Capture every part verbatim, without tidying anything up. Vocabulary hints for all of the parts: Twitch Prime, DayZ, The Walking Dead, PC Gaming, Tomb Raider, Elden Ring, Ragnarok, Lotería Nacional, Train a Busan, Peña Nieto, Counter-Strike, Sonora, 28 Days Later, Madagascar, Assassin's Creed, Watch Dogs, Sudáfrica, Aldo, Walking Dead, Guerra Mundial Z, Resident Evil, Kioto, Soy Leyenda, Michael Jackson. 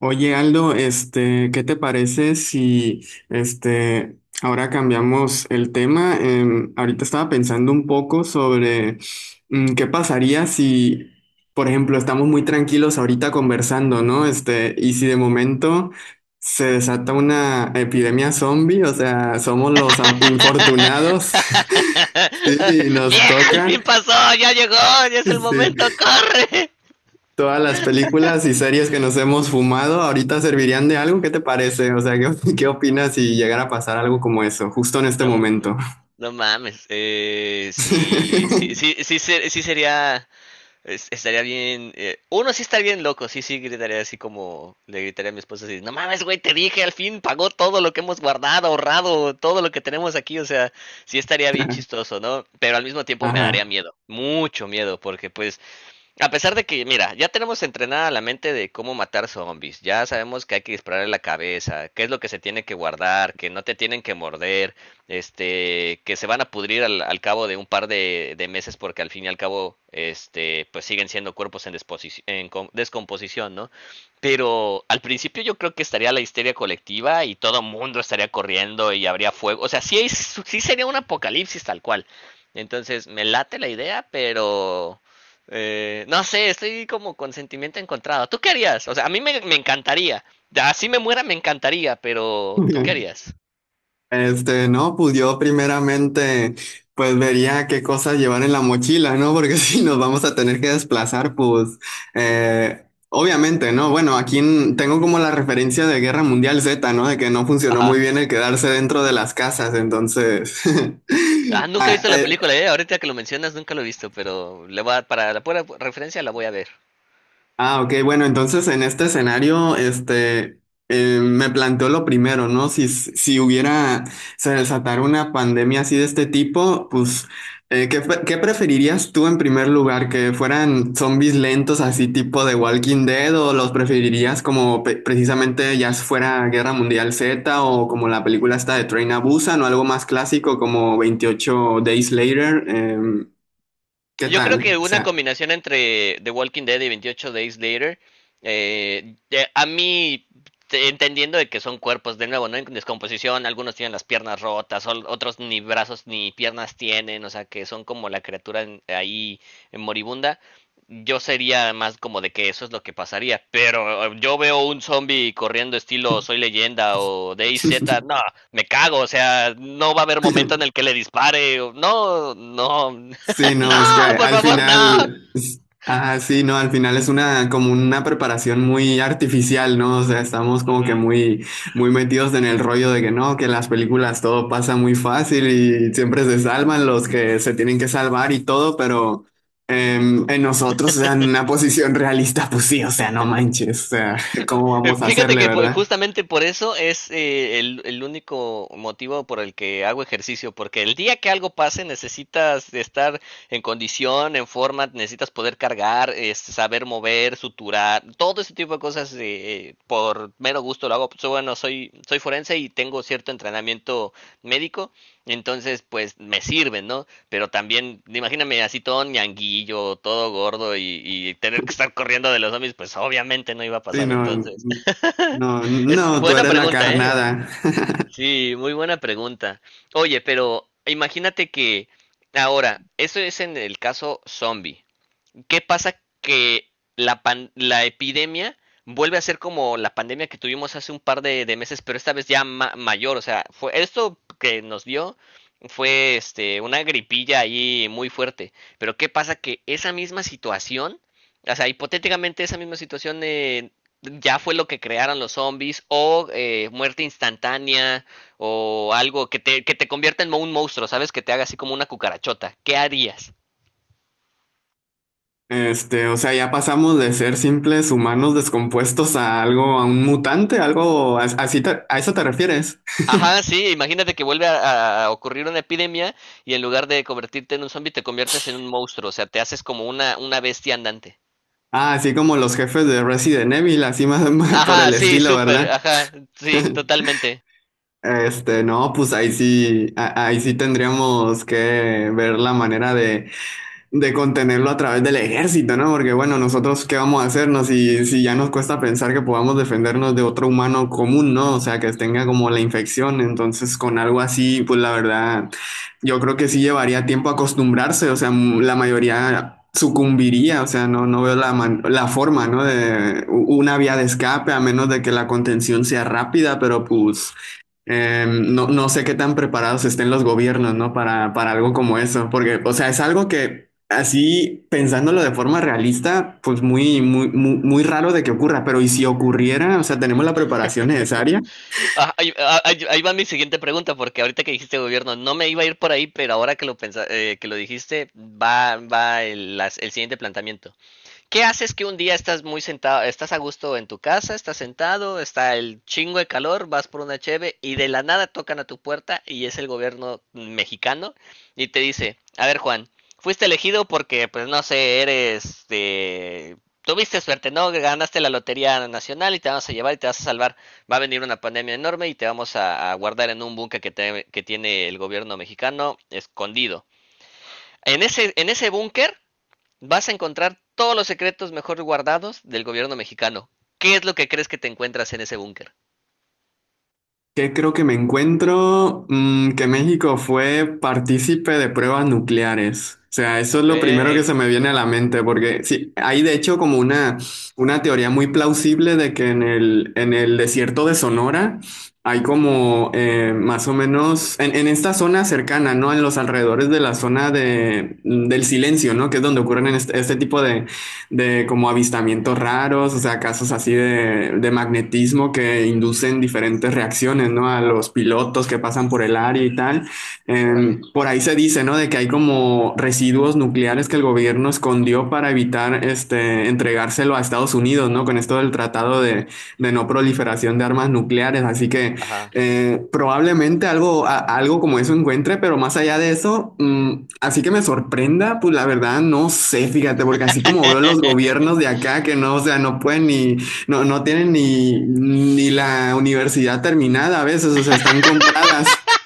Oye, Aldo, este, ¿qué te parece si este ahora cambiamos el tema? Em, ahorita estaba pensando un poco sobre mm, qué pasaría si, por ejemplo, estamos muy tranquilos ahorita conversando, ¿no? Este, y si de momento se desata una epidemia zombie, o sea, somos los a- infortunados. Sí, nos Vieja, al toca. fin pasó, ya llegó, ya es el Sí, momento, corre. todas las películas y series que nos hemos fumado ahorita servirían de algo. ¿Qué te parece? O sea, ¿qué, ¿qué opinas si llegara a pasar algo como eso, justo en este No, momento? no mames, eh, sí, sí, sí, sí, ser- sí sería, es- estaría bien, eh, uno sí estaría bien loco, sí, sí, gritaría así como, le gritaría a mi esposa así, no mames, güey, te dije, al fin pagó todo lo que hemos guardado, ahorrado, todo lo que tenemos aquí, o sea, sí estaría bien chistoso, ¿no? Pero al mismo tiempo me daría Ajá. miedo, mucho miedo, porque pues a pesar de que, mira, ya tenemos entrenada la mente de cómo matar zombies, ya sabemos que hay que dispararle la cabeza, qué es lo que se tiene que guardar, que no te tienen que morder, este, que se van a pudrir al, al cabo de un par de, de meses porque al fin y al cabo, este, pues siguen siendo cuerpos en, desposi- en descomposición, ¿no? Pero al principio yo creo que estaría la histeria colectiva y todo mundo estaría corriendo y habría fuego, o sea, sí, hay- sí sería un apocalipsis tal cual. Entonces, me late la idea, pero eh, no sé, estoy como con sentimiento encontrado. ¿Tú qué harías? O sea, a mí me, me encantaría. Así me muera, me encantaría, pero ¿tú qué harías? Este, no, pues yo primeramente, pues vería qué cosas llevar en la mochila, ¿no? Porque si nos vamos a tener que desplazar, pues, eh, obviamente, ¿no? Bueno, aquí en- tengo como la referencia de Guerra Mundial Z, ¿no? De que no funcionó muy Ajá. bien el quedarse dentro de las casas, entonces, Ah, nunca he ah, visto la eh, película, eh. Ahorita que lo mencionas, nunca lo he visto, pero le voy a- para la pura referencia la voy a ver. ah, ok, bueno, entonces en este escenario, este, eh, me planteo lo primero, ¿no? Si, si hubiera, se desatara una pandemia así de este tipo, pues, eh, ¿qué, pre- ¿qué preferirías tú en primer lugar? ¿Que fueran zombies lentos así tipo de Walking Dead o los preferirías como pe- precisamente ya si fuera Guerra Mundial Z o como la película esta de Train a Busan o algo más clásico como veintiocho Days Later? Em, ¿qué Yo creo que tal? O una sea... combinación entre The Walking Dead y veintiocho Days Later, eh, eh, a mí te- entendiendo de que son cuerpos de nuevo, ¿no? En descomposición, algunos tienen las piernas rotas, ol- otros ni brazos ni piernas tienen, o sea, que son como la criatura en- ahí en moribunda. Yo sería más como de que eso es lo que pasaría, pero eh, yo veo un zombie corriendo estilo Soy Leyenda o DayZ, no, me cago, o sea, no va a haber momento en el que le dispare, o- no, no, Sí, no, es que no, por al favor, no. final, s- ah, sí, no, al final es una como una preparación muy artificial, ¿no? O sea, estamos como que Ujú. muy, muy metidos en el rollo de que no, que en las películas todo pasa muy fácil y siempre se salvan los que se tienen que salvar y todo, pero em, en nosotros, o sea, en una posición realista, pues sí, o sea, no manches, o sea, ¿cómo Eh, vamos a fíjate hacerle, que po- verdad? justamente por eso es eh, el, el único motivo por el que hago ejercicio, porque el día que algo pase necesitas estar en condición, en forma, necesitas poder cargar, es, saber mover, suturar, todo ese tipo de cosas eh, eh, por mero gusto lo hago. Pues bueno, soy, soy forense y tengo cierto entrenamiento médico, entonces pues me sirven, ¿no? Pero también, imagíname así todo ñanguillo, todo gordo y, y tener que estar corriendo de los zombies, pues obviamente no iba a Sí, pasar no, entonces. no, Es no, tú buena eres la pregunta, ¿eh? carnada. Sí, muy buena pregunta. Oye, pero imagínate que ahora, eso es en el caso zombie. ¿Qué pasa que la, pan- la epidemia vuelve a ser como la pandemia que tuvimos hace un par de, de meses, pero esta vez ya ma- mayor? O sea, fue esto que nos dio fue este una gripilla ahí muy fuerte. Pero ¿qué pasa que esa misma situación, o sea, hipotéticamente esa misma situación eh, ya fue lo que crearon los zombies o eh, muerte instantánea o algo que te, que te convierta en un monstruo, ¿sabes? Que te haga así como una cucarachota. ¿Qué harías? Este, o sea, ya pasamos de ser simples humanos descompuestos a algo, a un mutante, algo, a- así te- a eso te refieres. Ajá, sí, imagínate que vuelve a, a ocurrir una epidemia y en lugar de convertirte en un zombie te conviertes en un monstruo, o sea, te haces como una, una bestia andante. Ah, así como los jefes de Resident Evil, así más por Ajá, el sí, estilo, súper, ¿verdad? ajá, sí, totalmente. Este, no, pues ahí sí, a- ahí sí tendríamos que ver la manera de de contenerlo a través del ejército, ¿no? Porque bueno, nosotros qué vamos a hacernos si, si ya nos cuesta pensar que podamos defendernos de otro humano común, ¿no? O sea, que tenga como la infección, entonces con algo así, pues la verdad, yo creo que sí llevaría tiempo acostumbrarse, o sea, m- la mayoría sucumbiría, o sea, no, no veo la, man- la forma, ¿no? De u- una vía de escape, a menos de que la contención sea rápida, pero pues eh, no, no sé qué tan preparados estén los gobiernos, ¿no? Para, para algo como eso, porque, o sea, es algo que así, pensándolo de forma realista, pues muy, muy, muy, muy raro de que ocurra, pero ¿y si ocurriera? O sea, ¿tenemos la preparación necesaria? Ah, ahí, ah, ahí- ahí va mi siguiente pregunta, porque ahorita que dijiste gobierno, no me iba a ir por ahí, pero ahora que lo pensa- eh, que lo dijiste, va, va el, las- el siguiente planteamiento. ¿Qué haces que un día estás muy sentado, estás a gusto en tu casa, estás sentado, está el chingo de calor, vas por una cheve y de la nada tocan a tu puerta y es el gobierno mexicano y te dice, a ver Juan, fuiste elegido porque pues no sé, eres de... Tuviste suerte, ¿no? Ganaste la Lotería Nacional y te vamos a llevar y te vas a salvar. Va a venir una pandemia enorme y te vamos a, a guardar en un búnker que, que tiene el gobierno mexicano escondido. En ese, en ese búnker vas a encontrar todos los secretos mejor guardados del gobierno mexicano. ¿Qué es lo que crees que te encuentras en ese búnker? ¿Qué creo que me encuentro? Mm, que México fue partícipe de pruebas nucleares. O sea, eso es Ok. lo primero que se me viene a la mente, porque sí, hay de hecho como una, una teoría muy plausible de que en el, en el desierto de Sonora hay como eh, más o menos, en, en esta zona cercana, ¿no? En los alrededores de la zona de, del silencio, ¿no? Que es donde ocurren este, este tipo de, de como avistamientos raros, o sea, casos así de, de magnetismo que inducen diferentes reacciones, ¿no? A los pilotos que pasan por el área y tal. Órale. Eh, por ahí se dice, ¿no? De que hay como residuos nucleares que el gobierno escondió para evitar este, entregárselo a Estados Unidos, ¿no? Con esto del tratado de, de no proliferación de armas nucleares. Así que Ajá. eh, probablemente algo, a- algo como eso encuentre, pero más allá de eso, mm, así que me sorprenda, pues la verdad no sé, fíjate, porque así como veo los gobiernos de acá que no, o sea, no pueden ni, no, no tienen ni, ni la universidad terminada a veces, o sea, están compradas.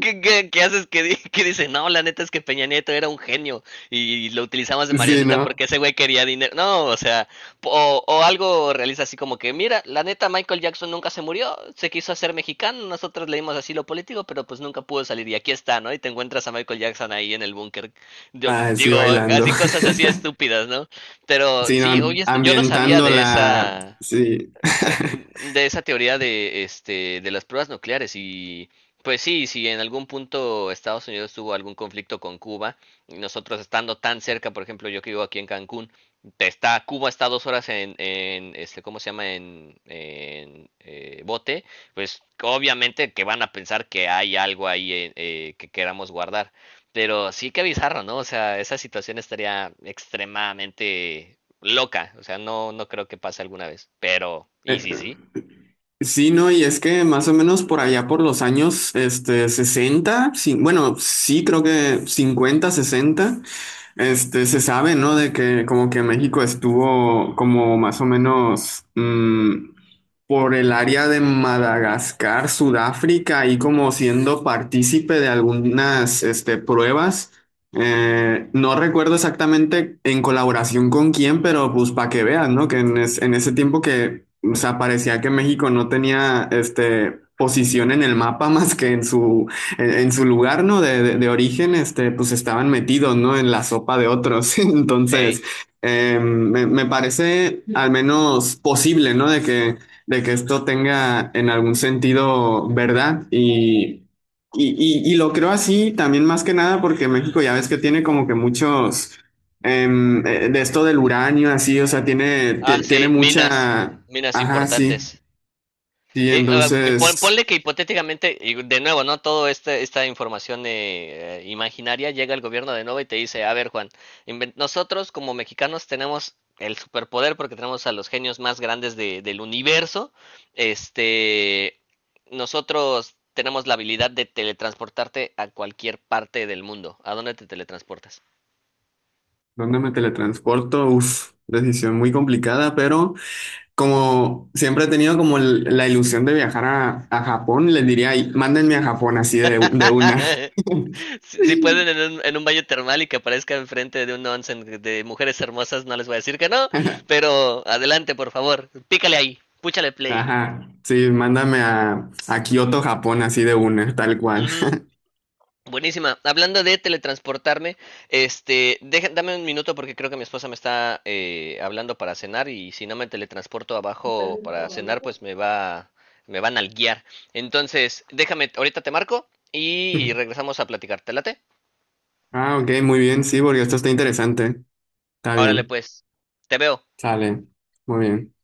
¿Qué, qué, qué haces que, di- que dice, no, la neta es que Peña Nieto era un genio y lo utilizamos de Sí, marioneta ¿no? porque ese güey quería dinero? No, o sea, po- o, o algo realiza así como que, mira, la neta Michael Jackson nunca se murió, se quiso hacer mexicano, nosotros leímos así lo político, pero pues nunca pudo salir y aquí está, ¿no? Y te encuentras a Michael Jackson ahí en el búnker. Yo Ah, sí, digo, bailando, así cosas así estúpidas, ¿no? Pero sí, sí, ¿no? oye, esto- yo no sabía Ambientando de la, esa sí. eh, de esa teoría de, este, de las pruebas nucleares y pues sí, si en algún punto Estados Unidos tuvo algún conflicto con Cuba, y nosotros estando tan cerca, por ejemplo, yo que vivo aquí en Cancún, te está, Cuba está dos horas en, en este, ¿cómo se llama? En, en, eh, bote, pues obviamente que van a pensar que hay algo ahí eh, eh, que queramos guardar. Pero sí que bizarro, ¿no? O sea, esa situación estaría extremadamente loca, o sea, no, no creo que pase alguna vez, pero, ¿y sí, sí? Sí, no, y es que más o menos por allá por los años este, sesenta, sí, bueno, sí creo que cincuenta, sesenta, este, se sabe, ¿no? De que como que México estuvo como más o menos mm, por el área de Madagascar, Sudáfrica, y como siendo partícipe de algunas este, pruebas, eh, no recuerdo exactamente en colaboración con quién, pero pues para que vean, ¿no? Que en, es- en ese tiempo que, o sea, parecía que México no tenía, este, posición en el mapa más que en su, en, en su lugar, ¿no? De, de- de origen, este, pues estaban metidos, ¿no? En la sopa de otros. Ey. Entonces, eh, me, me parece al menos posible, ¿no? De que, de que esto tenga en algún sentido verdad y... Y, y- y lo creo así también más que nada porque México ya ves que tiene como que muchos em, eh, de esto del uranio así, o sea, tiene, Ah, ti- tiene sí, minas, mucha, minas ajá, sí, importantes. sí, Y, ah, y pon- entonces, ponle que hipotéticamente, y de nuevo, ¿no? Todo este, esta información eh, eh, imaginaria llega al gobierno de nuevo y te dice, a ver, Juan, inven- nosotros como mexicanos tenemos el superpoder porque tenemos a los genios más grandes de- del universo. Este, nosotros tenemos la habilidad de teletransportarte a cualquier parte del mundo. ¿A dónde te teletransportas? ¿dónde me teletransporto? Uf, decisión muy complicada, pero como siempre he tenido como el- la ilusión de viajar a, a Japón, les diría, "Ay, mándenme a Japón así de, de una". Si, si pueden en un, en un baño termal y que aparezca enfrente de un onsen de mujeres hermosas, no les voy a decir que no, pero adelante, por favor, pícale ahí, púchale play. Ajá, sí, mándame a, a Kioto, Japón así de una, tal cual. Ujú, buenísima. Hablando de teletransportarme, este, deja- dame un minuto porque creo que mi esposa me está eh, hablando para cenar y si no me teletransporto abajo para cenar, pues me va, me van a guiar. Entonces, déjame, ahorita te marco y regresamos a platicar. ¿Te late? Ah, ok, muy bien, sí, porque esto está interesante. Está Órale, bien, pues, te veo. sale, muy bien.